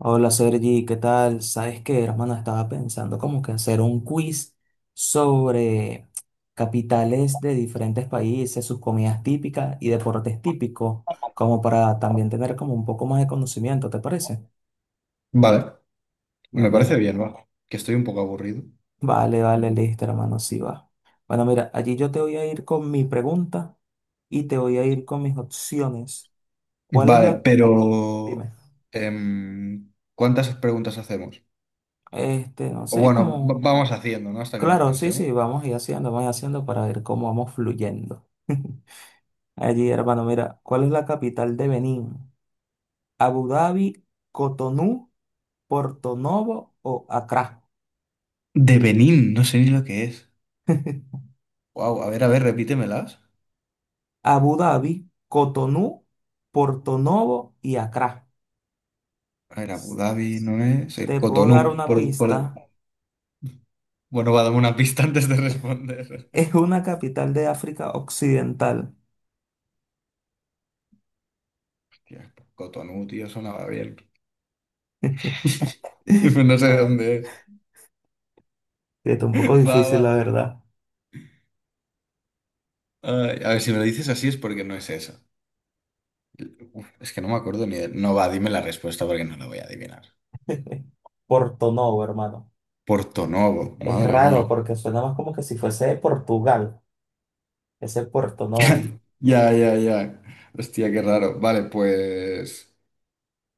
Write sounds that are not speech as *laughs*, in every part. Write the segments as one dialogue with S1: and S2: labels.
S1: Hola Sergi, ¿qué tal? ¿Sabes qué, hermano? Estaba pensando como que hacer un quiz sobre capitales de diferentes países, sus comidas típicas y deportes típicos, como para también tener como un poco más de conocimiento, ¿te parece?
S2: Vale, me parece
S1: Vale,
S2: bien, va, que estoy un poco aburrido.
S1: vale, vale, listo, hermano, sí va. Bueno, mira, allí yo te voy a ir con mi pregunta y te voy a ir con mis opciones. ¿Cuál es
S2: Vale,
S1: la—
S2: pero
S1: Dime.
S2: ¿cuántas preguntas hacemos?
S1: Este, no
S2: O
S1: sé,
S2: bueno,
S1: como—
S2: vamos haciendo, ¿no? Hasta que nos
S1: Claro, sí,
S2: cansemos.
S1: sí, vamos a ir haciendo, vamos a ir haciendo para ver cómo vamos fluyendo. *laughs* Allí, hermano, mira, ¿cuál es la capital de Benín? ¿Abu Dhabi, Cotonú, Porto Novo o Accra?
S2: De Benín, no sé ni lo que es.
S1: *laughs*
S2: Wow, a ver, repítemelas.
S1: Abu Dhabi, Cotonú, Porto Novo y Accra.
S2: A ver, Abu
S1: S-
S2: Dhabi no es.
S1: Te puedo dar
S2: Cotonú.
S1: una pista. *laughs*
S2: Bueno, va a darme una pista antes de responder.
S1: Es
S2: *laughs*
S1: una capital de África Occidental.
S2: Hostia, Cotonú, tío, sonaba bien. *laughs*
S1: *laughs*
S2: No sé de dónde es.
S1: Sí, está un poco
S2: Va,
S1: difícil, la
S2: va.
S1: verdad.
S2: Ay, a ver, si me lo dices así es porque no es eso. Uf, es que no me acuerdo ni de no. Va, dime la respuesta porque no la voy a adivinar.
S1: *laughs* Porto Novo, hermano.
S2: Porto Novo,
S1: Es
S2: madre mía.
S1: raro porque suena más como que si fuese de Portugal. Ese es Puerto Novo.
S2: *laughs* Ya, ya, ya. Hostia, qué raro. Vale, pues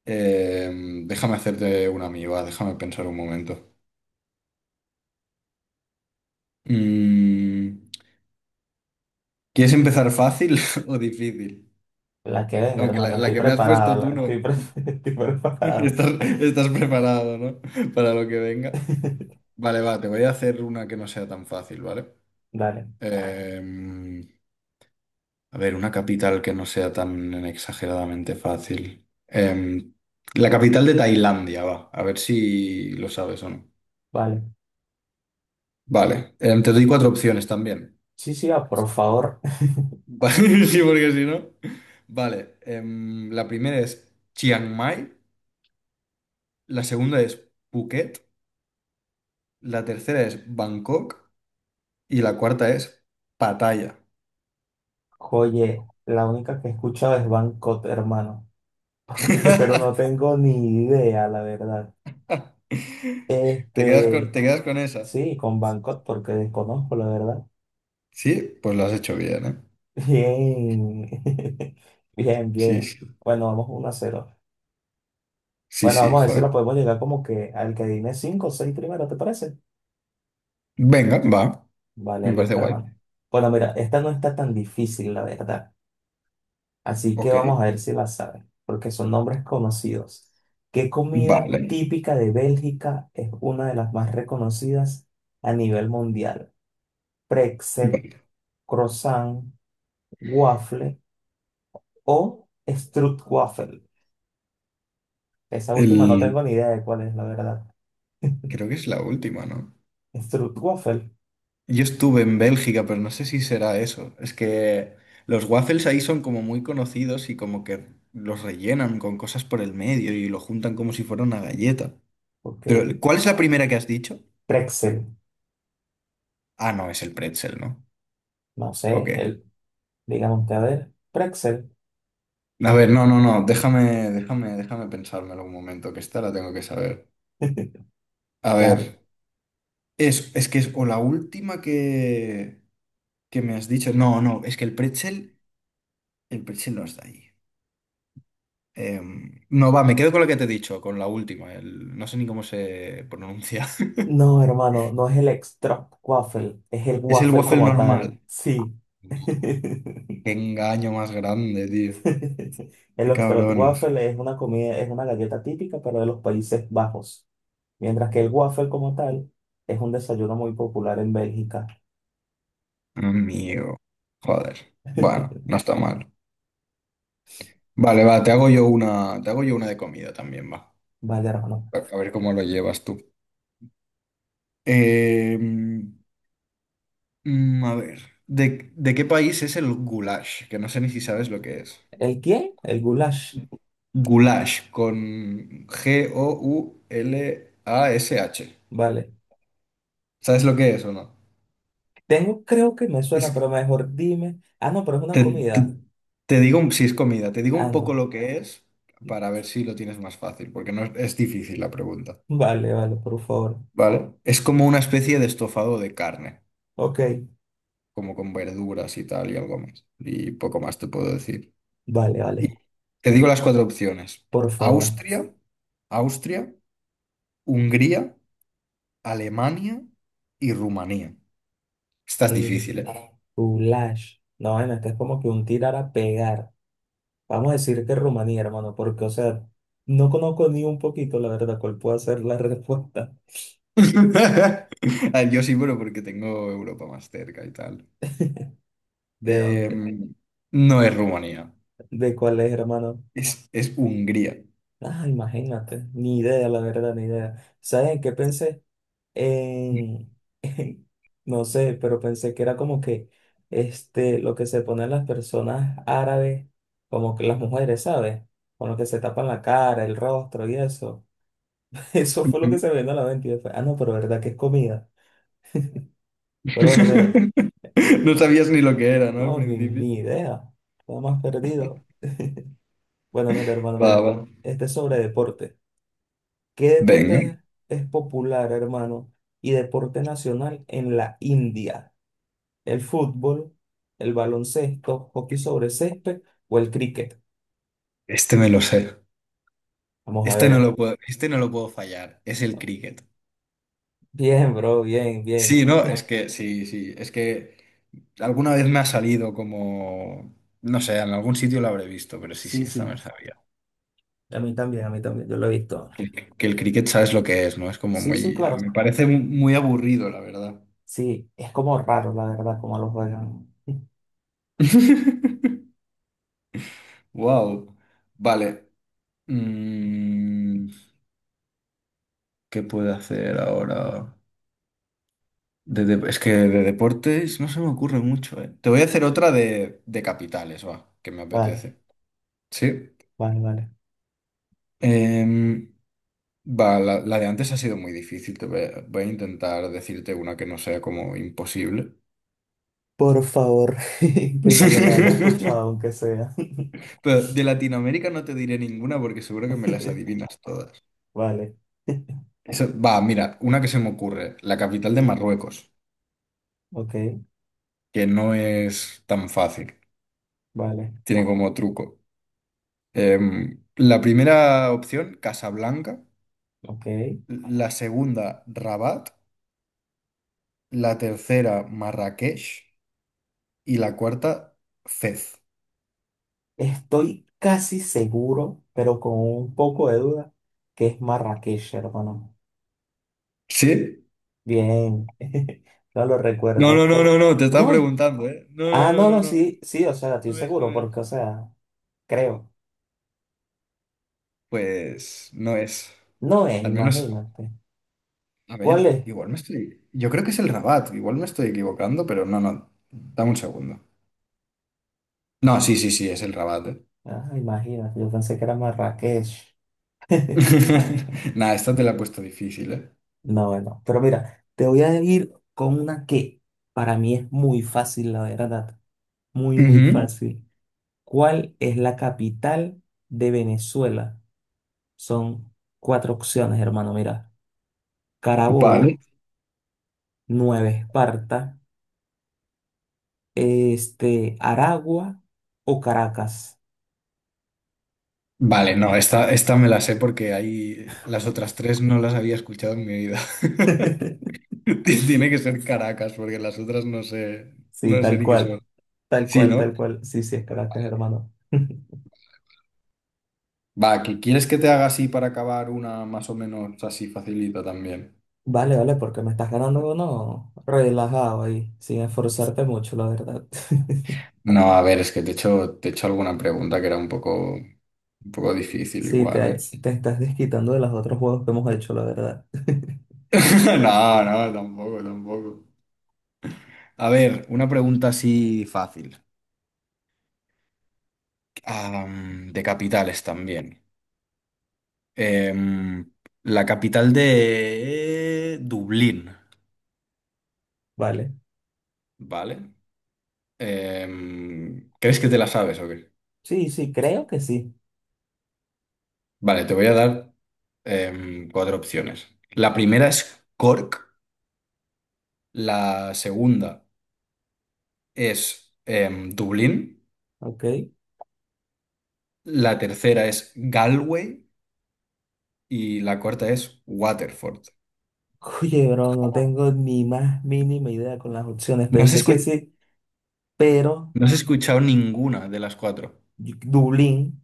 S2: déjame hacerte una amiga, déjame pensar un momento. Mm, ¿quieres empezar fácil *laughs* o difícil?
S1: La que venga,
S2: Aunque la,
S1: hermano.
S2: la
S1: Estoy
S2: que me has
S1: preparada.
S2: puesto tú no.
S1: *laughs* Estoy
S2: *laughs*
S1: preparada.
S2: Estás, estás preparado, ¿no? Para lo que venga.
S1: *laughs*
S2: Vale, va, te voy a hacer una que no sea tan fácil, ¿vale? Vale.
S1: Dale,
S2: Eh, a ver, una capital que no sea tan exageradamente fácil. La capital de Tailandia, va. A ver si lo sabes o no.
S1: vale.
S2: Vale, te doy cuatro opciones también.
S1: Sí, sí, ah, por favor.
S2: Va- *laughs* Sí, porque si no. Vale, la primera es Chiang Mai, la segunda es Phuket, la tercera es Bangkok y la cuarta es Pattaya.
S1: Oye, la única que he escuchado es Bangkok, hermano. *laughs* Pero no
S2: *laughs*
S1: tengo ni idea, la verdad. Este,
S2: Te quedas con esa?
S1: sí, con Bangkok, porque desconozco, la verdad.
S2: Sí, pues lo has hecho bien, ¿eh?
S1: Bien. *laughs* Bien,
S2: Sí,
S1: bien.
S2: sí.
S1: Bueno, vamos 1 a cero.
S2: Sí,
S1: Bueno,
S2: sí,
S1: vamos a ver si lo
S2: joder.
S1: podemos llegar como que al que dime 5 o 6 primero, ¿te parece?
S2: Venga, va.
S1: Vale,
S2: Me parece
S1: listo,
S2: guay.
S1: hermano. Bueno, mira, esta no está tan difícil, la verdad. Así que
S2: Ok,
S1: vamos a ver si la sabes, porque son nombres conocidos. ¿Qué comida
S2: vale,
S1: típica de Bélgica es una de las más reconocidas a nivel mundial? Pretzel,
S2: vale.
S1: croissant, waffle o stroopwafel. Esa última no
S2: El
S1: tengo ni idea de cuál es, la verdad.
S2: creo que es la última, ¿no?
S1: Stroopwafel,
S2: Yo estuve en Bélgica, pero no sé si será eso. Es que los waffles ahí son como muy conocidos y como que los rellenan con cosas por el medio y lo juntan como si fuera una galleta.
S1: ok.
S2: Pero, ¿cuál es la primera que has dicho?
S1: Pretzel,
S2: Ah, no, es el pretzel, ¿no?
S1: no sé,
S2: Ok.
S1: digan ustedes, pretzel.
S2: A ver, no, no, no, déjame, déjame, déjame pensármelo un momento, que esta la tengo que saber.
S1: *laughs*
S2: A ver,
S1: Claro.
S2: es que es o la última que. ¿Qué me has dicho? No, no, es que el pretzel no está ahí. No, va, me quedo con lo que te he dicho, con la última. No sé ni cómo se pronuncia. *laughs*
S1: No, hermano, no es el extra waffle, es el
S2: Es el
S1: waffle
S2: waffle
S1: como tal.
S2: normal.
S1: Sí. *laughs*
S2: Qué engaño más grande, tío.
S1: El
S2: Qué cabrones.
S1: waffle es una comida, es una galleta típica, pero de los Países Bajos, mientras que el waffle como tal es un desayuno muy popular en Bélgica.
S2: Amigo. Joder. Bueno,
S1: *laughs*
S2: no está mal. Vale, va, te hago yo una, te hago yo una de comida también, va.
S1: Vale, hermano.
S2: A ver cómo lo llevas tú. Em, a ver, ¿de qué país es el goulash? Que no sé ni si sabes lo que es.
S1: ¿El qué? El goulash.
S2: Goulash con Goulash.
S1: Vale.
S2: ¿Sabes lo que es o no?
S1: Tengo, creo que me suena,
S2: Es-
S1: pero mejor dime. Ah, no, pero es una
S2: te,
S1: comida.
S2: te- te digo si es comida, te digo
S1: Ah,
S2: un poco
S1: no.
S2: lo que es para ver si lo tienes más fácil, porque no es, es difícil la pregunta,
S1: Vale, vale, por favor.
S2: ¿vale? Es como una especie de estofado de carne,
S1: Ok.
S2: como con verduras y tal y algo más. Y poco más te puedo decir.
S1: Vale,
S2: Y
S1: vale.
S2: te digo las cuatro opciones.
S1: Por favor.
S2: Austria, Austria, Hungría, Alemania y Rumanía. Estás
S1: Eh,
S2: difícil, ¿eh?
S1: Goulash. No, bueno, este es como que un tirar a pegar. Vamos a decir que Rumanía, hermano, porque, o sea, no conozco ni un poquito, la verdad, cuál puede ser la *laughs* respuesta
S2: *laughs* Ah, yo sí, bueno porque tengo Europa más cerca y tal.
S1: de dónde,
S2: Em, no es Rumanía,
S1: de cuál es, hermano.
S2: es Hungría.
S1: Ah, imagínate, ni idea, la verdad, ni idea. ¿Sabes en qué pensé? En, *laughs* en- no sé, pero pensé que era como que, este, lo que se ponen las personas árabes, como que las mujeres, ¿sabes? Con lo que se tapan la cara, el rostro y eso. *laughs* Eso fue lo
S2: Ujú.
S1: que se me vino a la mente. Y yo fue, ah, no, pero verdad que es comida. Pero bueno, mira,
S2: *laughs* No
S1: bueno,
S2: sabías ni lo que era, ¿no? Al
S1: no, ni,
S2: principio.
S1: ni idea. Estaba más perdido. Bueno, mira, hermano,
S2: Va,
S1: mira.
S2: va.
S1: Este es sobre deporte. ¿Qué
S2: Venga.
S1: deporte es popular, hermano? Y deporte nacional en la India. ¿El fútbol, el baloncesto, hockey sobre césped o el cricket?
S2: Este me lo sé.
S1: Vamos a
S2: Este no
S1: ver.
S2: lo puedo, este no lo puedo fallar. Es el cricket.
S1: Bien, bro, bien, bien.
S2: Sí, no, es que sí, sí. Es que alguna vez me ha salido como. No sé, en algún sitio lo habré visto, pero sí, sí,
S1: Sí,
S2: esta me
S1: sí.
S2: la sabía.
S1: A mí también, a mí también. Yo lo he visto.
S2: Que el cricket sabes lo que es, ¿no? Es como
S1: Sí, sí,
S2: muy,
S1: claro.
S2: me parece muy aburrido, la verdad.
S1: Sí, es como raro, la verdad, como lo juegan.
S2: *laughs* Wow. Vale. Mm, ¿qué puedo hacer ahora? Es que de deportes no se me ocurre mucho, ¿eh? Te voy a hacer otra de capitales, va, que me
S1: Vale,
S2: apetece. Sí.
S1: vale, vale.
S2: Em, va, la de antes ha sido muy difícil. Voy a intentar decirte una que no sea como imposible.
S1: Por favor, *laughs* que medio la haya escuchado,
S2: *laughs*
S1: aunque sea.
S2: Pero de Latinoamérica no te diré ninguna porque seguro que me las adivinas todas.
S1: *laughs* Vale,
S2: Va, mira, una que se me ocurre, la capital de Marruecos,
S1: ok,
S2: que no es tan fácil,
S1: vale,
S2: tiene como truco. Em, la primera opción, Casablanca,
S1: ok.
S2: la segunda, Rabat, la tercera, Marrakech y la cuarta, Fez.
S1: Estoy casi seguro, pero con un poco de duda, que es Marrakech, hermano.
S2: ¿Sí?
S1: Bien, *laughs* no lo
S2: No,
S1: recuerdo, es
S2: no, no,
S1: por—
S2: no, no, te estaba
S1: No es—
S2: preguntando, ¿eh? No, no,
S1: Ah,
S2: no,
S1: no,
S2: no,
S1: no,
S2: no,
S1: sí, sí, o sea, estoy
S2: no
S1: seguro, porque,
S2: es.
S1: o sea, creo.
S2: Pues no es.
S1: No es,
S2: Al menos
S1: imagínate.
S2: a
S1: ¿Cuál
S2: ver,
S1: es?
S2: igual me estoy. Yo creo que es el Rabat, igual me estoy equivocando, pero no, no. Dame un segundo. No, sí, sí, sí, es el Rabat, ¿eh?
S1: Ah, imagínate, yo pensé que era Marrakech. *laughs*
S2: *laughs* Nada, esta te la he puesto difícil, ¿eh?
S1: No, bueno, pero mira, te voy a ir con una que para mí es muy fácil, la verdad. Muy, muy
S2: Ujú.
S1: fácil. ¿Cuál es la capital de Venezuela? Son cuatro opciones, hermano. Mira,
S2: Vale.
S1: Carabobo, Nueva Esparta, Aragua o Caracas.
S2: Vale, no, esta me la sé porque ahí las otras tres no las había escuchado en mi vida.
S1: *laughs*
S2: *laughs* Tiene que ser Caracas, porque las otras no sé,
S1: Sí,
S2: no sé
S1: tal
S2: ni qué son.
S1: cual. Tal
S2: Sí,
S1: cual,
S2: ¿no?
S1: tal cual. Sí, sí, es Caracas, hermano. *laughs*
S2: Va, ¿quieres que te haga así para acabar una más o menos así facilita también?
S1: Vale, vale, porque me estás ganando uno relajado ahí, sin esforzarte mucho, la verdad.
S2: No, a ver, es que te he hecho alguna pregunta que era un poco difícil
S1: Sí,
S2: igual, ¿eh?
S1: te estás desquitando de los otros juegos que hemos hecho, la verdad. *laughs*
S2: *laughs* No, no, tampoco, tampoco. A ver, una pregunta así fácil. De capitales también. Em, la capital de Dublín,
S1: Vale.
S2: ¿vale? ¿Crees que te la sabes o qué?
S1: Sí, sí, creo que sí.
S2: Vale, te voy a dar cuatro opciones. La primera es Cork, la segunda es Dublín.
S1: Ok.
S2: La tercera es Galway y la cuarta es Waterford.
S1: Oye, bro, no tengo ni más mínima idea con las opciones.
S2: No has
S1: Pensé
S2: escu-
S1: que sí, pero
S2: no has escuchado ninguna de las cuatro.
S1: Dublín,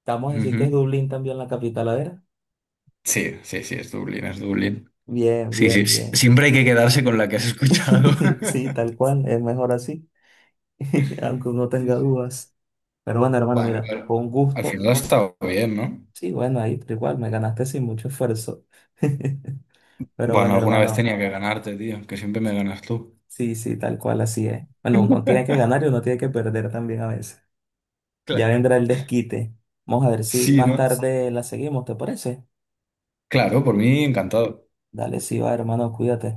S1: estamos a decir que es
S2: Ujú.
S1: Dublín también la capital, a ver.
S2: Sí, sí, sí, es Dublín, es Dublín.
S1: Bien,
S2: Sí, sí,
S1: bien,
S2: sí,
S1: bien.
S2: siempre hay que quedarse con la que has escuchado. *laughs*
S1: *laughs* Sí, tal cual, es mejor así, *laughs* aunque uno
S2: Sí,
S1: tenga
S2: sí.
S1: dudas. Pero bueno, hermano,
S2: Bueno,
S1: mira,
S2: pero
S1: con
S2: al
S1: gusto.
S2: final ha estado bien, ¿no?
S1: Sí, bueno, ahí igual me ganaste sin mucho esfuerzo. *laughs* Pero
S2: Bueno,
S1: bueno,
S2: alguna vez
S1: hermano.
S2: tenía que ganarte, tío, que siempre me ganas tú.
S1: Sí, sí, tal cual, así es. Bueno, uno tiene que ganar y uno tiene que perder también a veces. Ya
S2: Claro.
S1: vendrá el desquite. Vamos a ver si
S2: Sí,
S1: más
S2: ¿no? Sí.
S1: tarde la seguimos, ¿te parece?
S2: Claro, por mí encantado.
S1: Dale, sí, va, hermano, cuídate.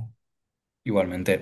S2: Igualmente.